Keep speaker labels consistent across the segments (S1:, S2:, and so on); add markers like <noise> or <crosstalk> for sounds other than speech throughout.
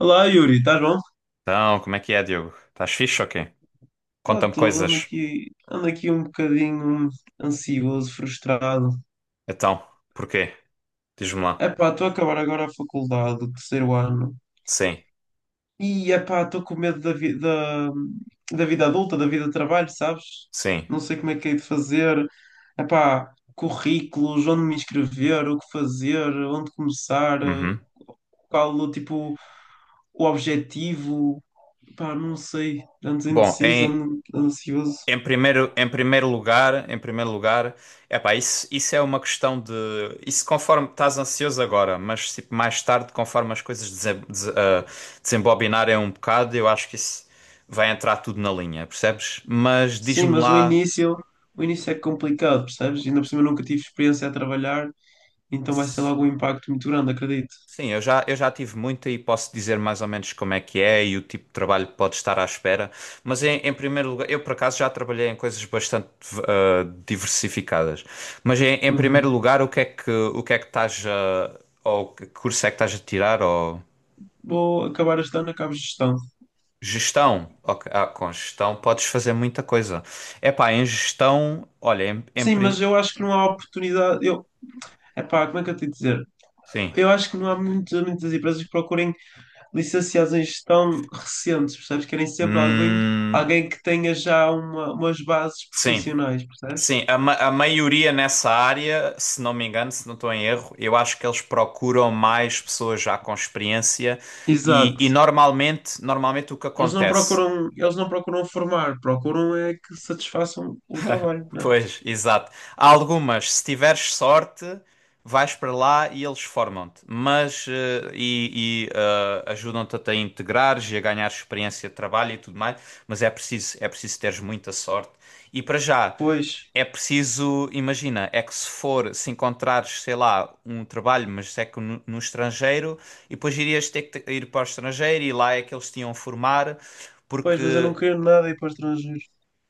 S1: Olá, Yuri, estás bom?
S2: Então, como é que é, Diogo? Estás fixe ou quê?
S1: Está
S2: Conta-me
S1: tudo, ando
S2: coisas.
S1: aqui, ando aqui um bocadinho ansioso, frustrado.
S2: Então, porquê? Diz-me lá.
S1: Epá, estou a acabar agora a faculdade, o terceiro ano.
S2: Sim,
S1: E epá, estou com medo da da vida adulta, da vida de trabalho, sabes?
S2: sim.
S1: Não sei como é que hei de fazer. Epá, currículos, onde me inscrever, o que fazer, onde começar,
S2: Uhum.
S1: qual o tipo, o objetivo. Epá, não sei, ando
S2: Bom,
S1: indeciso,
S2: em,
S1: ando ansioso.
S2: em primeiro lugar, epá, isso é uma questão de... Isso conforme estás ansioso agora, mas tipo, mais tarde, conforme as coisas desembobinarem um bocado, eu acho que isso vai entrar tudo na linha, percebes? Mas
S1: Sim,
S2: diz-me
S1: mas
S2: lá...
S1: o início é complicado, percebes? Ainda por cima nunca tive experiência a trabalhar, então vai ser logo um impacto muito grande, acredito.
S2: Sim, eu já tive muita e posso dizer mais ou menos como é que é e o tipo de trabalho que pode estar à espera. Mas em primeiro lugar, eu por acaso já trabalhei em coisas bastante diversificadas. Mas em primeiro
S1: Uhum.
S2: lugar, o que é que estás a, ou que curso é que estás a tirar? Ou
S1: Vou acabar este ano, acabo gestão.
S2: gestão? Ok, com gestão podes fazer muita coisa. É pá, em gestão, olha,
S1: Sim, mas eu acho que não há oportunidade. Eu, epá, como é que eu tenho de dizer?
S2: sim.
S1: Eu acho que não há muitas empresas que procurem licenciados em gestão recentes, percebes? Querem sempre alguém,
S2: Hum,
S1: alguém que tenha já uma, umas bases
S2: sim.
S1: profissionais, percebes?
S2: Sim, a maioria nessa área, se não me engano, se não estou em erro, eu acho que eles procuram mais pessoas já com experiência e, e
S1: Exato.
S2: normalmente, normalmente o que
S1: Eles não
S2: acontece?
S1: procuram, eles não procuram formar, procuram é que satisfaçam o trabalho, né?
S2: Pois, exato. Há algumas, se tiveres sorte, vais para lá e eles formam-te, mas e ajudam-te a te integrares e a ganhar experiência de trabalho e tudo mais, mas é preciso teres muita sorte. E para já,
S1: Pois,
S2: é preciso, imagina, é que se for, se encontrares, sei lá, um trabalho, mas é que no estrangeiro, e depois irias ter que ir para o estrangeiro e lá é que eles te iam formar,
S1: pois, mas eu não
S2: porque
S1: queria nada ir para o estrangeiro.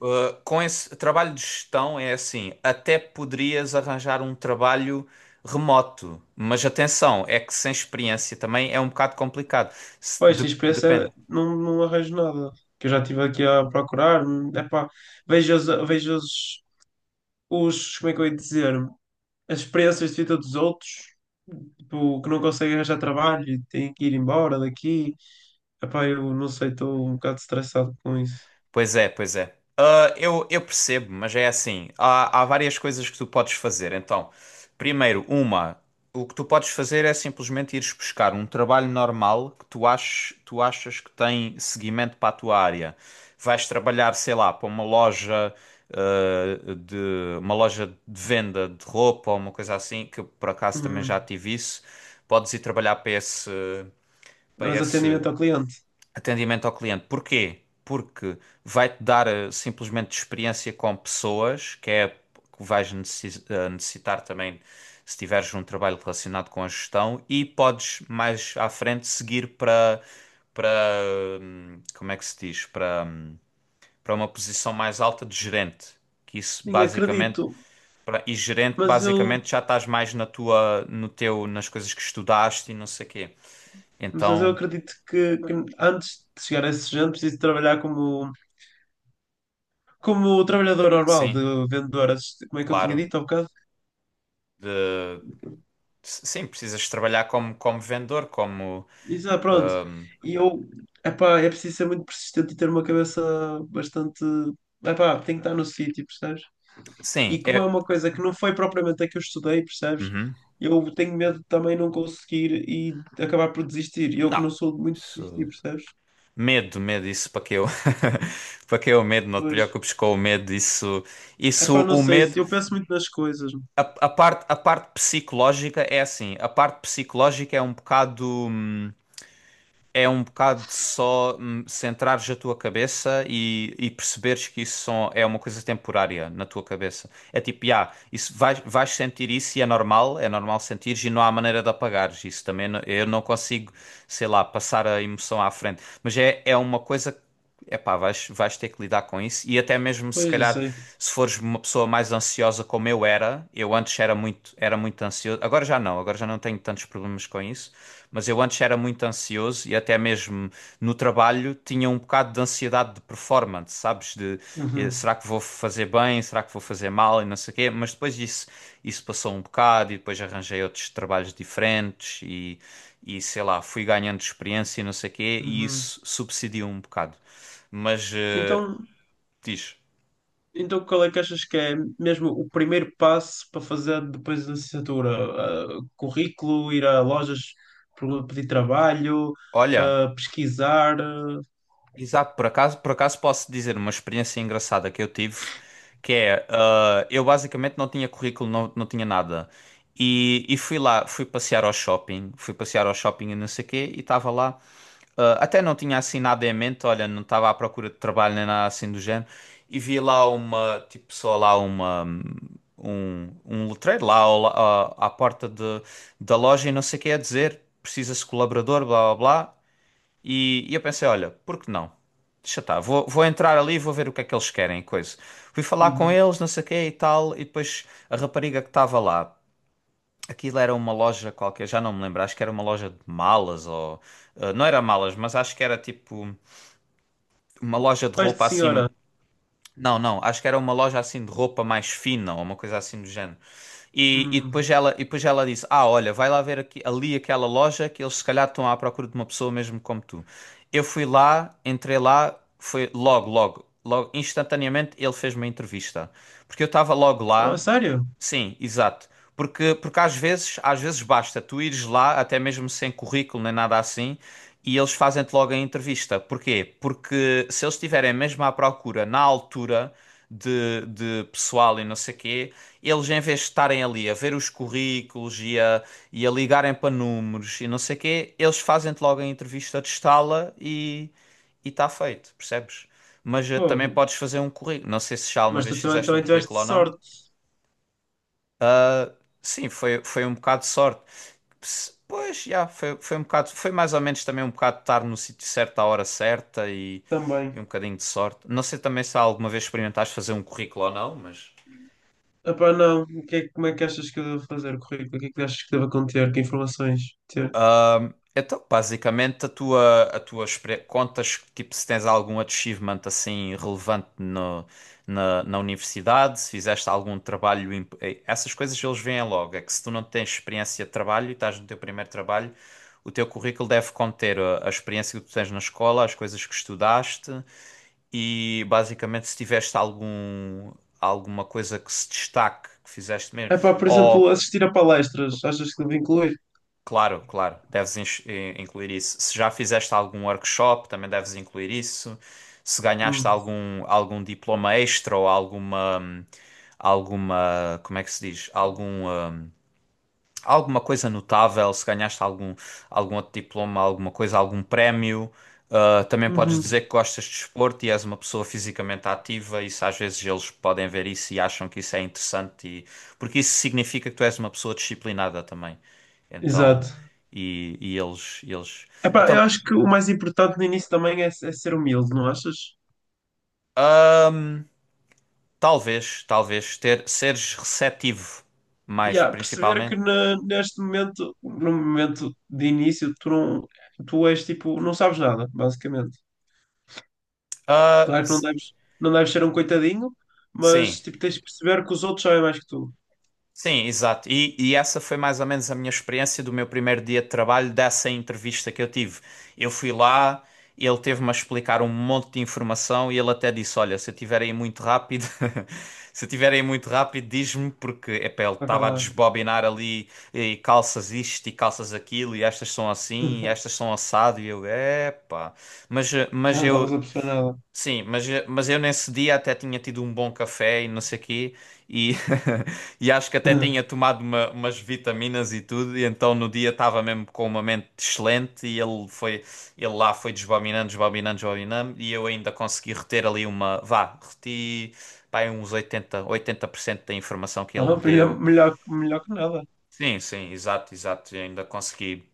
S2: Com esse trabalho de gestão é assim, até poderias arranjar um trabalho remoto, mas atenção, é que sem experiência também é um bocado complicado.
S1: Pois, a experiência é-
S2: Depende.
S1: não, não arranjo nada. Que eu já estive aqui a procurar. Epá, vejo os, como é que eu ia dizer, as experiências de vida dos outros, tipo, que não conseguem arranjar trabalho e têm que ir embora daqui. Epá, eu não sei, estou um bocado estressado com isso.
S2: Pois é, pois é. Ah, eu percebo, mas é assim. Há várias coisas que tu podes fazer. Então, primeiro, uma, o que tu podes fazer é simplesmente ires buscar um trabalho normal que tu aches, tu achas que tem seguimento para a tua área. Vais trabalhar, sei lá, para uma loja, de uma loja de venda de roupa ou uma coisa assim, que eu, por acaso também já
S1: Uhum.
S2: tive isso. Podes ir trabalhar para
S1: Mas
S2: esse
S1: atendimento ao cliente.
S2: atendimento ao cliente. Porquê? Porque vai-te dar simplesmente experiência com pessoas, que é que vais necessitar também se tiveres um trabalho relacionado com a gestão e podes mais à frente seguir para para como é que se diz? Para para uma posição mais alta de gerente. Que isso
S1: Nem
S2: basicamente
S1: acredito,
S2: e gerente
S1: mas eu,
S2: basicamente já estás mais na tua no teu nas coisas que estudaste e não sei quê.
S1: mas eu
S2: Então,
S1: acredito que antes de chegar a esse género preciso trabalhar como, como trabalhador normal,
S2: sim,
S1: de vendedor, assist- como é que eu tinha
S2: claro.
S1: dito há bocado?
S2: De Sim, precisas trabalhar como, como vendedor, como.
S1: Isso, ah, pronto. E eu, epá, é preciso ser muito persistente e ter uma cabeça bastante. Epá, tem que estar no sítio, percebes? E
S2: Sim,
S1: como é
S2: é.
S1: uma coisa que não foi propriamente a que eu estudei, percebes?
S2: Uhum.
S1: Eu tenho medo de também não conseguir e acabar por desistir. E eu que
S2: Não.
S1: não sou de muito desistir,
S2: Isso...
S1: percebes?
S2: Medo, medo, isso para que eu. <laughs> Para que eu medo, não te
S1: Pois.
S2: preocupes com o medo, isso.
S1: É
S2: Isso,
S1: pá, não
S2: o
S1: sei
S2: medo.
S1: se eu penso muito nas coisas.
S2: A parte psicológica é assim. A parte psicológica é um bocado. É um bocado de só centrares a tua cabeça e perceberes que isso só é uma coisa temporária na tua cabeça. É tipo, ah, isso vais, vais sentir isso e é normal sentires e não há maneira de apagares isso também. Eu não consigo, sei lá, passar a emoção à frente. Mas é, é uma coisa que Epá, vais, vais ter que lidar com isso. E até mesmo se
S1: Pois, eu
S2: calhar,
S1: sei.
S2: se fores uma pessoa mais ansiosa como eu era, eu antes era muito ansioso. Agora já não tenho tantos problemas com isso. Mas eu antes era muito ansioso e até mesmo no trabalho tinha um bocado de ansiedade de performance, sabes? De
S1: Uhum,
S2: será que vou fazer bem, será que vou fazer mal e não sei o quê. Mas depois isso passou um bocado e depois arranjei outros trabalhos diferentes e sei lá, fui ganhando experiência e não sei o quê e
S1: uhum.
S2: isso subsidiou um bocado. Mas
S1: Então,
S2: diz,
S1: então qual é que achas que é mesmo o primeiro passo para fazer depois da licenciatura? Ah, currículo, ir a lojas pedir trabalho,
S2: olha.
S1: ah, pesquisar.
S2: Exato, por acaso posso dizer uma experiência engraçada que eu tive, que é, eu basicamente não tinha currículo, não tinha nada, e fui lá, fui passear ao shopping e não sei o quê, e estava lá, até não tinha assim nada em mente, olha, não estava à procura de trabalho nem nada assim do género, e vi lá uma, tipo, só lá uma, um letreiro lá ao à porta de, da loja e não sei o quê a dizer, precisa-se de colaborador, blá blá blá, e eu pensei, olha, por que não? Deixa estar, vou, vou entrar ali e vou ver o que é que eles querem, e coisa. Fui falar com
S1: Uhum.
S2: eles, não sei o quê e tal, e depois a rapariga que estava lá, aquilo era uma loja qualquer, já não me lembro, acho que era uma loja de malas ou... não era malas, mas acho que era tipo uma loja de
S1: Pais de
S2: roupa assim...
S1: senhora.
S2: Não, não, acho que era uma loja assim de roupa mais fina ou uma coisa assim do género. E, e
S1: Uhum.
S2: depois ela, e depois ela disse: "Ah, olha, vai lá ver ali aquela loja que eles se calhar estão à procura de uma pessoa mesmo como tu." Eu fui lá, entrei lá, foi logo, logo, logo, instantaneamente ele fez uma entrevista. Porque eu estava logo
S1: Oh,
S2: lá.
S1: sério?
S2: Sim, exato. Porque, porque às vezes basta tu ires lá, até mesmo sem currículo nem nada assim, e eles fazem-te logo a entrevista. Porquê? Porque se eles estiverem mesmo à procura na altura de pessoal e não sei quê eles em vez de estarem ali a ver os currículos e a ligarem para números e não sei o quê, eles fazem-te logo a entrevista de estala e está feito, percebes? Mas também
S1: Pô,
S2: podes fazer um currículo. Não sei se já alguma
S1: mas
S2: vez
S1: tu
S2: fizeste um
S1: também tiveste
S2: currículo ou não.
S1: sorte
S2: Sim, foi, foi um bocado de sorte. Pois, já, foi, foi um bocado, foi mais ou menos também um bocado de estar no sítio certo à hora certa
S1: também.
S2: e um bocadinho de sorte. Não sei também se alguma vez experimentaste fazer um currículo ou não, mas.
S1: Epá, não. O que é- como é que achas que eu devo fazer o currículo? O que é que achas que devo conter? Que informações ter?
S2: Então, basicamente, a tua contas, tipo, se tens algum achievement assim relevante no, na universidade, se fizeste algum trabalho, essas coisas eles veem logo. É que se tu não tens experiência de trabalho e estás no teu primeiro trabalho, o teu currículo deve conter a experiência que tu tens na escola, as coisas que estudaste e, basicamente, se tiveste algum, alguma coisa que se destaque, que fizeste mesmo.
S1: Epá, por exemplo, assistir a palestras. Achas que devo incluir?
S2: Claro, claro, deves incluir isso. Se já fizeste algum workshop, também deves incluir isso. Se ganhaste
S1: Hum.
S2: algum, algum diploma extra ou alguma, alguma, como é que se diz? Algum, alguma coisa notável, se ganhaste algum, algum outro diploma, alguma coisa, algum prémio. Também podes dizer
S1: Uhum.
S2: que gostas de desporto e és uma pessoa fisicamente ativa, isso às vezes eles podem ver isso e acham que isso é interessante, e... porque isso significa que tu és uma pessoa disciplinada também. Então,
S1: Exato.
S2: e eles, eles.
S1: Epá, eu
S2: Então,
S1: acho que o mais importante no início também é, é ser humilde, não achas?
S2: talvez ter, seres receptivo mais,
S1: Yeah, perceber
S2: principalmente.
S1: que na- neste momento, no momento de início, tu não, tu és tipo, não sabes nada, basicamente.
S2: Ah,
S1: Claro que não
S2: s-
S1: deves, não deves ser um coitadinho,
S2: sim.
S1: mas tipo, tens de perceber que os outros sabem mais que tu,
S2: Sim, exato. E essa foi mais ou menos a minha experiência do meu primeiro dia de trabalho, dessa entrevista que eu tive. Eu fui lá, ele teve-me a explicar um monte de informação e ele até disse: "Olha, se eu tiver aí muito rápido, <laughs> se eu tiver aí muito rápido, diz-me", porque epá, ele
S1: para
S2: estava a
S1: acalmar.
S2: desbobinar ali e calças isto e calças aquilo, e estas são assim, e estas
S1: <laughs>
S2: são assado, e eu, epá. Mas,
S1: Já não estavas a perceber nada.
S2: sim, mas eu nesse dia até tinha tido um bom café e não sei quê, e, <laughs> e acho que até tinha
S1: <laughs>
S2: tomado umas vitaminas e tudo, e então no dia estava mesmo com uma mente excelente e ele foi, ele lá foi desbobinando, desbobinando, desbobinando, e eu ainda consegui reter ali uma, vá, reti, pá, uns oitenta por cento da informação que ele
S1: Ah,
S2: me
S1: melhor,
S2: deu.
S1: melhor, melhor que nada.
S2: Sim, sim, exato, exato, eu ainda consegui.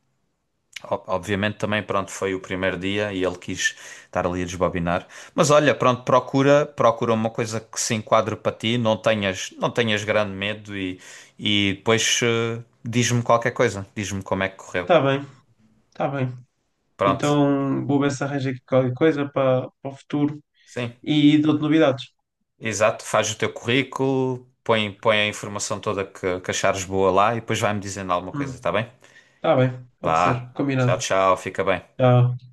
S2: Obviamente também, pronto, foi o primeiro dia e ele quis estar ali a desbobinar. Mas olha, pronto, procura, procura uma coisa que se enquadre para ti, não tenhas, não tenhas grande medo e depois diz-me qualquer coisa, diz-me como é que correu.
S1: Tá bem, tá bem.
S2: Pronto,
S1: Então vou ver se arranjo aqui qualquer coisa para para o futuro
S2: sim,
S1: e dou-te novidades.
S2: exato, faz o teu currículo, põe, põe a informação toda que achares boa lá e depois vai-me dizendo alguma coisa,
S1: Hum,
S2: tá bem?
S1: tá bem, pode ser,
S2: Vá, tchau,
S1: combinado.
S2: tchau, fica bem.
S1: Tchau.